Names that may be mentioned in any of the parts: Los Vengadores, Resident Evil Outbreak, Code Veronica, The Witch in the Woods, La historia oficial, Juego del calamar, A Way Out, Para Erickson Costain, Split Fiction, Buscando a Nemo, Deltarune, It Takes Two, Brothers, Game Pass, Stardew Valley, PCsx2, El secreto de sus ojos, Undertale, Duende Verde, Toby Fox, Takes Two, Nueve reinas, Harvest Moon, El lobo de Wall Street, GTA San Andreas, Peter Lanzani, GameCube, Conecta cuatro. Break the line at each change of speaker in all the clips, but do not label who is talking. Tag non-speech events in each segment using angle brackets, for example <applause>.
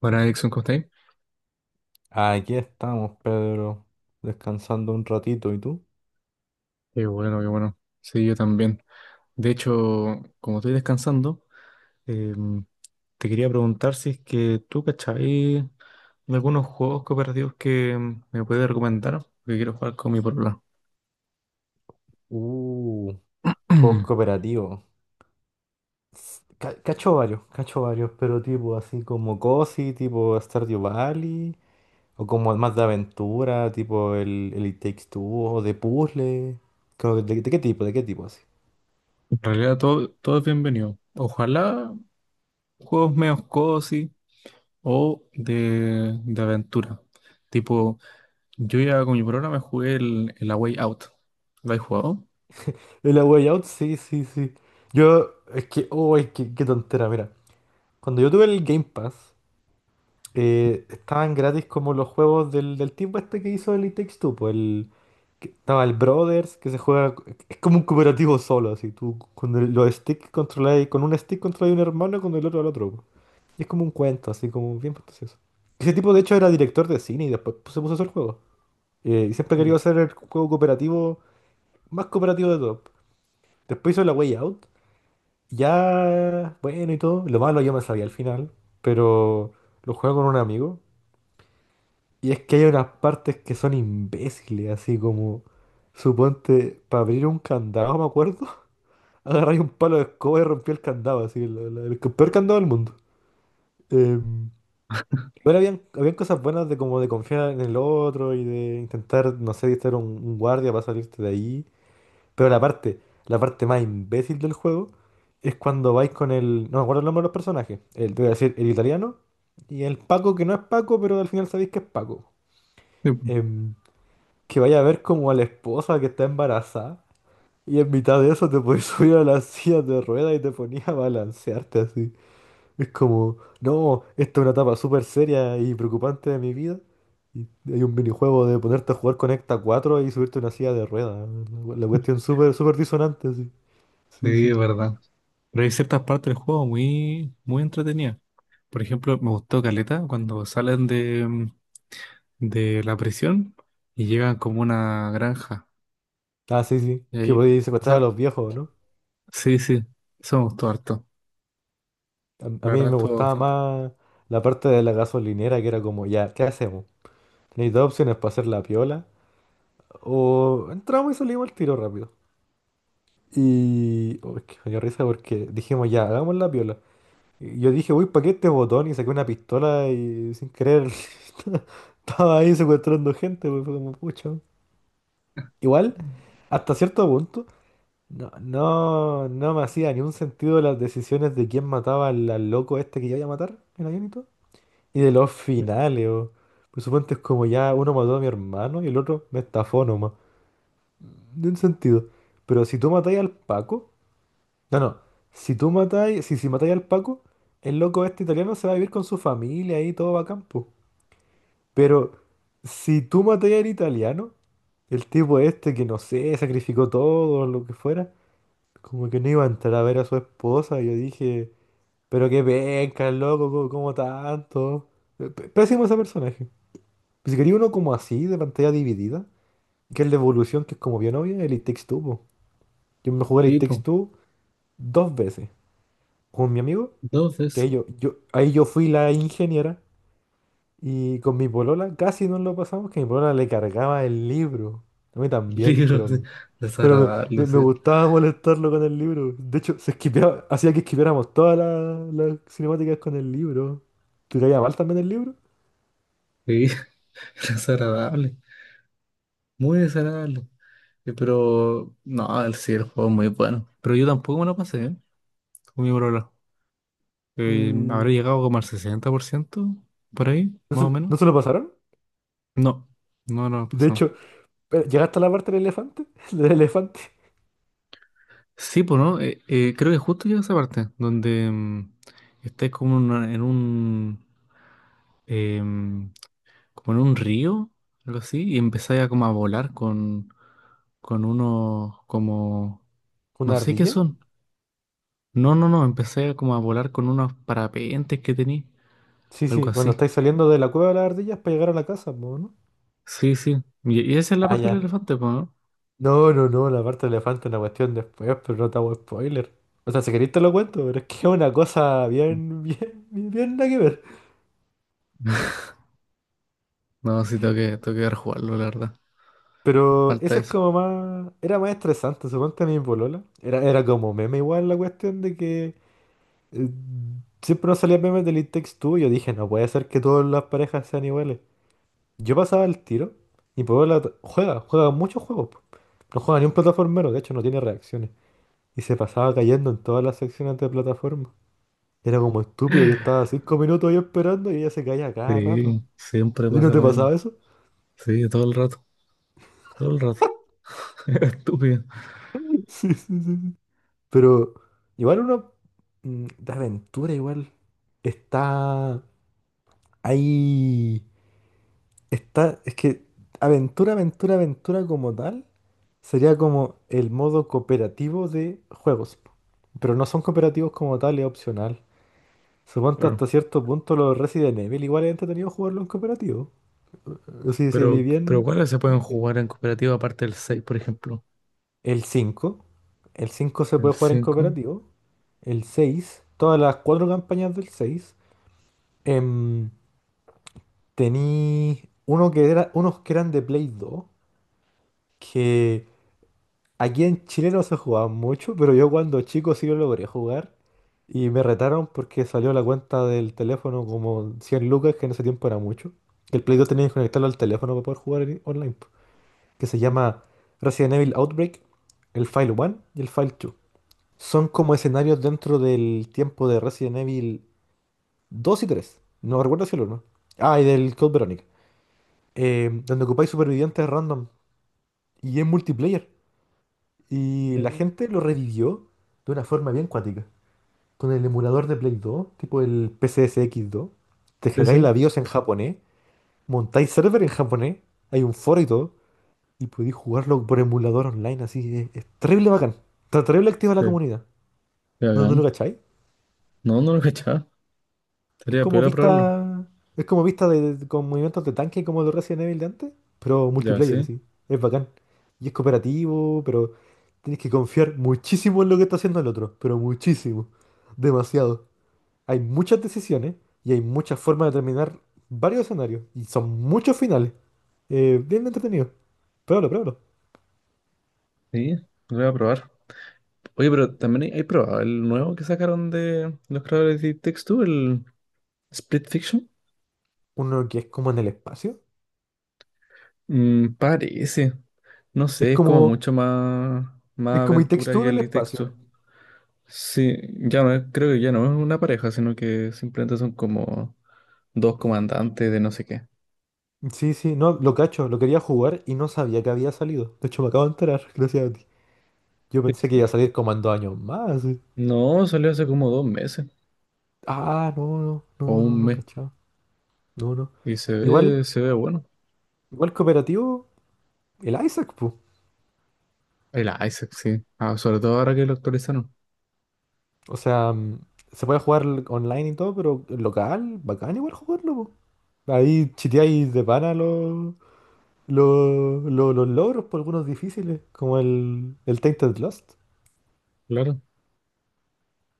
Para Erickson Costain.
Aquí estamos, Pedro, descansando un ratito. ¿Y tú?
Qué bueno, qué bueno. Sí, yo también. De hecho, como estoy descansando, em, te quería preguntar si es que tú, ¿cachai? De algunos juegos cooperativos que me puedes recomendar, porque quiero jugar con mi polola.
Uh, juegos
<clears throat>
cooperativos. Cacho varios, pero tipo así como COSI, tipo Stardew Valley, o como más de aventura, tipo el It Takes Two, o de puzzle. Como ¿qué tipo? ¿De qué tipo así?
En realidad todo, todo es bienvenido. Ojalá juegos medio cozy o de aventura. Tipo, yo ya con mi programa me jugué el A Way Out. ¿Lo has jugado?
El A Way Out, sí, sí, sí. Yo, es que, oh, es que, qué tontera, mira. Cuando yo tuve el Game Pass, estaban gratis como los juegos del tipo este que hizo el It Takes Two, pues estaba el Brothers, que se juega, es como un cooperativo solo, así, tú con los sticks controláis, con un stick controláis un hermano y con el otro al otro, po. Y es como un cuento, así como bien fantasioso. Ese tipo de hecho era director de cine y después pues, se puso a hacer juegos. Y siempre quería
Mm.
hacer el juego cooperativo, más cooperativo de todo. Después hizo La Way Out, ya, bueno y todo, lo malo yo me sabía al final, pero lo jugué con un amigo. Y es que hay unas partes que son imbéciles, así como, suponte, para abrir un candado, me acuerdo, <laughs> agarráis un palo de escoba y rompí el candado, así, el peor candado del mundo. Em, bueno, habían cosas buenas de como de confiar en el otro y de intentar, no sé, distraer a un guardia para salirte de ahí. Pero la parte más imbécil del juego es cuando vais con el, no me acuerdo el nombre de los personajes, el, te voy a decir, el italiano y el Paco que no es Paco, pero al final sabéis que es Paco.
Sí, po.
Em, que vaya a ver como a la esposa que está embarazada y en mitad de eso te podías <laughs> subir a la silla de rueda y te ponías a balancearte así. Es como, no, esta es una etapa súper seria y preocupante de mi vida. Y hay un minijuego de ponerte a jugar Conecta cuatro y subirte a una silla de rueda. La cuestión
<laughs>
súper, súper disonante, sí. Sí,
Sí,
sí.
es verdad. Pero hay ciertas partes del juego muy, muy entretenidas. Por ejemplo, me gustó Caleta cuando salen de, de la prisión y llegan como a una granja.
Ah, sí, sí.
Y
Que
ahí,
podías secuestrar a
esa-
los viejos, ¿no?
sí, sí, eso me gustó harto.
A
La
mí
verdad
me
estuvo
gustaba
bastante.
más la parte de la gasolinera que era como, ya, ¿qué hacemos? Tenéis dos opciones para hacer la piola. O entramos y salimos al tiro rápido. Y, oh, es que me dio risa porque dijimos ya, hagamos la piola. Y yo dije, uy, ¿para qué este botón? Y saqué una pistola y sin querer <laughs> estaba ahí secuestrando gente, pues, fue como pucha. Igual, hasta cierto punto, no, no, no me hacía ni un sentido las decisiones de quién mataba al loco este que yo iba a matar el avión y todo. Y de los finales, o. Por supuesto es como ya uno mató a mi hermano y el otro me estafó nomás. En sentido. Pero si tú matáis al Paco. No, no. Si tú matáis. Si matáis al Paco, el loco este italiano se va a vivir con su familia y todo va a campo. Pero si tú matáis al italiano, el tipo este que no sé, sacrificó todo, lo que fuera, como que no iba a entrar a ver a su esposa. Y yo dije, pero qué penca, el loco, como tanto. Pésimo ese personaje. Si quería uno como así, de pantalla dividida, que es la evolución, que es como bien obvia, el It Takes Two, po. Yo me jugué el It
Y
Takes
pues,
Two dos veces. Con mi amigo, que
entonces,
ahí yo fui la ingeniera. Y con mi polola casi no lo pasamos, que mi polola le cargaba el libro. A mí
<laughs>
también,
libros
pero
desagradables,
me
sí.
gustaba molestarlo con el libro. De hecho, se esquipeaba, hacía que esquipeáramos todas las cinemáticas con el libro. Te caía mal también el libro.
Sí, <laughs> desagradable, muy desagradable. Pero, no, el sí, el juego es muy bueno. Pero yo tampoco me lo pasé, ¿eh? Con mi, eh, habrá
Y
llegado como al 60% por ahí, más o menos.
no se lo pasaron?
No, no, no ha
De
pasado.
hecho, pero, ¿llegaste a la parte del elefante? <laughs> ¿Del elefante?
Sí, pues no, creo que justo llega esa parte donde estáis como en en un em, como en un río, algo así, y empezáis a como a volar con unos como no
¿Una
sé qué
ardilla?
son. No, no, no, empecé a como a volar con unos parapentes que tenía,
Sí,
algo
sí,
así.
cuando estáis saliendo de la cueva de las ardillas para llegar a la casa, po, ¿no?
Sí, sí. Y esa es la
Ah,
parte del
ya.
elefante, pues, ¿no?
No, no, no, la parte del elefante es una cuestión después, pero no te hago spoiler. O sea, si queréis te lo cuento, pero es que es una cosa bien, <laughs> bien, bien, bien nada que ver.
No, sí, tengo que rejugarlo, la verdad.
Pero
Falta
ese es
eso.
como más. Era más estresante, suponte a mi polola. Era como meme igual la cuestión de que. eh, Siempre nos salían memes del It Takes Two y yo dije, no puede ser que todas las parejas sean iguales. Yo pasaba el tiro y Puebla juega, juega muchos juegos, po. No juega ni un plataformero, de hecho no tiene reacciones. Y se pasaba cayendo en todas las secciones de plataforma. Era como estúpido, yo estaba 5 minutos ahí esperando y ella se caía cada rato.
Sí, siempre
¿A ti no
pasa
te
lo
pasaba
mismo.
eso?
Sí, todo el rato, todo el rato. <laughs> Es estúpido.
<laughs> Sí, sí, sí. Sí. Pero igual uno, de aventura igual está ahí. Está, es que aventura, aventura, aventura como tal sería como el modo cooperativo de juegos, po. Pero no son cooperativos como tal, es opcional. Supongo
Pero,
hasta cierto punto los Resident Evil igual es entretenido jugarlo en cooperativo. Sí, sí, vi
pero
bien.
¿cuáles se pueden
Bien serio.
jugar en cooperativa aparte del 6 por ejemplo?
El cinco. El 5 se
¿El
puede jugar en
cinco?
cooperativo. El seis. Todas las cuatro campañas del seis. Em, Tení uno que era, unos que eran de Play 2. Que aquí en Chile no se jugaba mucho, pero yo cuando chico sí lo logré jugar y me retaron porque salió la cuenta del teléfono como 100 lucas, que en ese tiempo era mucho. El Play 2 tenía que conectarlo al teléfono para poder jugar online, po, que se llama Resident Evil Outbreak, el File 1 y el File 2. Son como escenarios dentro del tiempo de Resident Evil 2 y 3. No recuerdo si el 1. Ah, y del Code Veronica, donde ocupáis supervivientes random y es multiplayer. Y la
Mm.
gente lo revivió de una forma bien cuática. Con el emulador de Play 2, tipo el P C S x 2. Te
Sí,
cargáis
sí.
la BIOS en japonés, montáis server en japonés, hay un foro y todo, y podéis jugarlo por emulador online, así. Es terrible bacán. Está terrible activa la
Sí,
comunidad.
qué
¿No, no lo
bacán.
cacháis?
No, no lo cachaba.
Es
Estaría
como
peor a probarlo.
vista. Es como vista con movimientos de tanque como los Resident Evil de antes, pero
Ya,
multiplayer,
sí.
así. Es bacán. Y es cooperativo, pero tienes que confiar muchísimo en lo que está haciendo el otro. Pero muchísimo. Demasiado. Hay muchas decisiones y hay muchas formas de terminar varios escenarios. Y son muchos finales. Bien entretenido. Pruébalo, pruébalo.
Sí, lo voy a probar. Oye, pero también hay probado el nuevo que sacaron de los creadores de Takes Two, el Split Fiction.
Uno que es como en el espacio.
Mm, parece. No
Es
sé, es como
como.
mucho más,
Es
más
como It Takes
aventura
Two
que
en el
el
espacio.
texto. Sí, ya no creo que ya no es una pareja, sino que simplemente son como dos comandantes de no sé qué.
Sí, sí, no, lo cacho, lo quería jugar y no sabía que había salido. De hecho, me acabo de enterar, <laughs> gracias a ti. Yo
Sí,
pensé que iba
sí.
a salir como en 2 años más,
No, salió hace como dos meses
Ah, no, no,
o
no, no,
un
no,
mes
cachado. No, no.
y
Igual,
se ve bueno.
igual cooperativo, el Isaac, pues.
El Isaac, sí. Ah, sobre todo ahora que lo actualizaron.
O sea, se puede jugar online y todo, pero local, bacán igual jugarlo, po. Ahí chiteáis de pana los logros, por algunos difíciles, como el Tainted Lost.
Claro.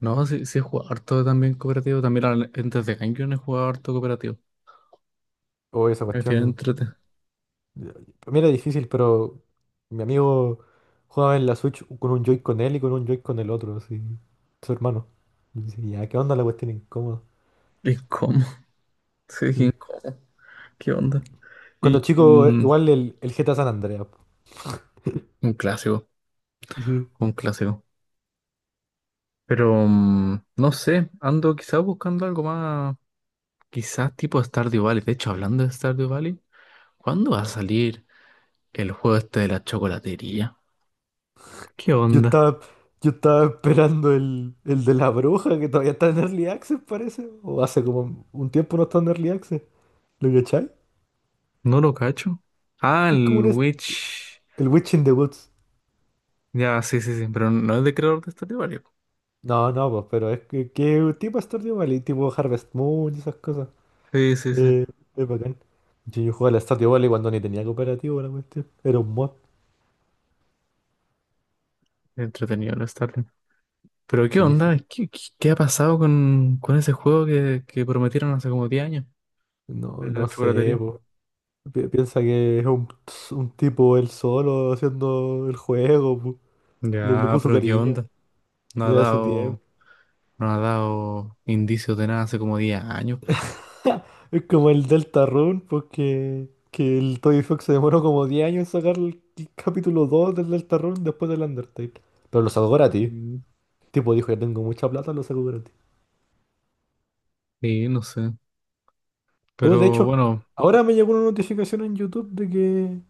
No, sí, sí he jugado harto también cooperativo. También antes de GameCube he jugado harto cooperativo.
O esa
Al final
cuestión.
entrete.
Para mí era difícil, pero mi amigo jugaba en la Switch con un Joy con él y con un Joy con el otro, así. Su hermano. Y dice, ya, ¿qué onda la cuestión incómoda?
¿Y cómo? <laughs> Sí,
Sí.
¿cómo? ¿Qué onda? Y
Cuando chico, igual el GTA San Andreas, po.
un clásico.
Sí.
Un clásico. Pero no sé, ando quizás buscando algo más, quizás tipo Stardew Valley. De hecho, hablando de Stardew Valley, ¿cuándo va a salir el juego este de la chocolatería? ¿Qué
Yo
onda?
estaba, yo estaba esperando el de la bruja, que todavía está en Early Access, parece. O hace como un tiempo no está en Early Access. ¿Lo cachai?
No lo cacho. Ah,
Que es como
el
un.
Witch.
El Witch in the Woods.
Ya, sí, sí, sí, pero no es de creador de Stardew Valley.
No, no, pues, pero es que tipo Stardew Valley, tipo Harvest Moon y esas cosas.
Sí, sí, sí.
Eh, es bacán. Sí, yo jugaba al Stardew Valley cuando ni tenía cooperativo la cuestión. Era un mod.
Entretenido el Stardew. Pero ¿qué
Sí, sí.
onda? Qué ha pasado con ese juego que prometieron hace como 10 años? De
No,
la
no sé,
chocolatería.
po. Piensa que es un, tipo él solo haciendo el juego, po. Le
Ya,
puso
pero ¿qué
cariño,
onda? No ha
le da su tiempo.
dado. No ha dado indicios de nada hace como 10 años, pues.
Es como el Deltarune, porque que el Toby Fox se demoró como 10 años en sacar el capítulo 2 del Deltarune después del Undertale. Pero lo sacó gratis.
Mm.
El tipo dijo, ya tengo mucha plata, lo sacó gratis.
Sí, no sé.
Oh, de
Pero
hecho,
bueno,
ahora me llegó una notificación en YouTube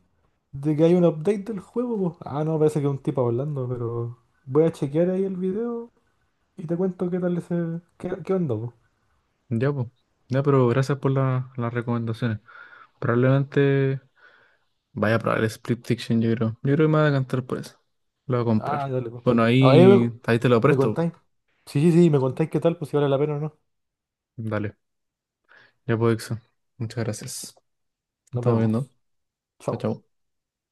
de que hay un update del juego, po. Ah, no, parece que es un tipo hablando, pero voy a chequear ahí el video y te cuento qué tal ese. ¿Qué, onda, po?
ya, pues. Ya, pero gracias por las recomendaciones. Probablemente vaya a probar el Split Fiction, yo creo. Yo creo que me voy a cantar por eso. Lo voy a
Ah,
comprar.
dale, po.
Bueno,
Ahí
ahí, ahí te lo
me
presto.
contáis. Sí, sí, sí, me contáis qué tal, pues si vale la pena o no.
Dale. Ya puedo, Ixo. Muchas gracias. Nos
Nos
estamos
vemos.
viendo. Chao,
Chao.
chao.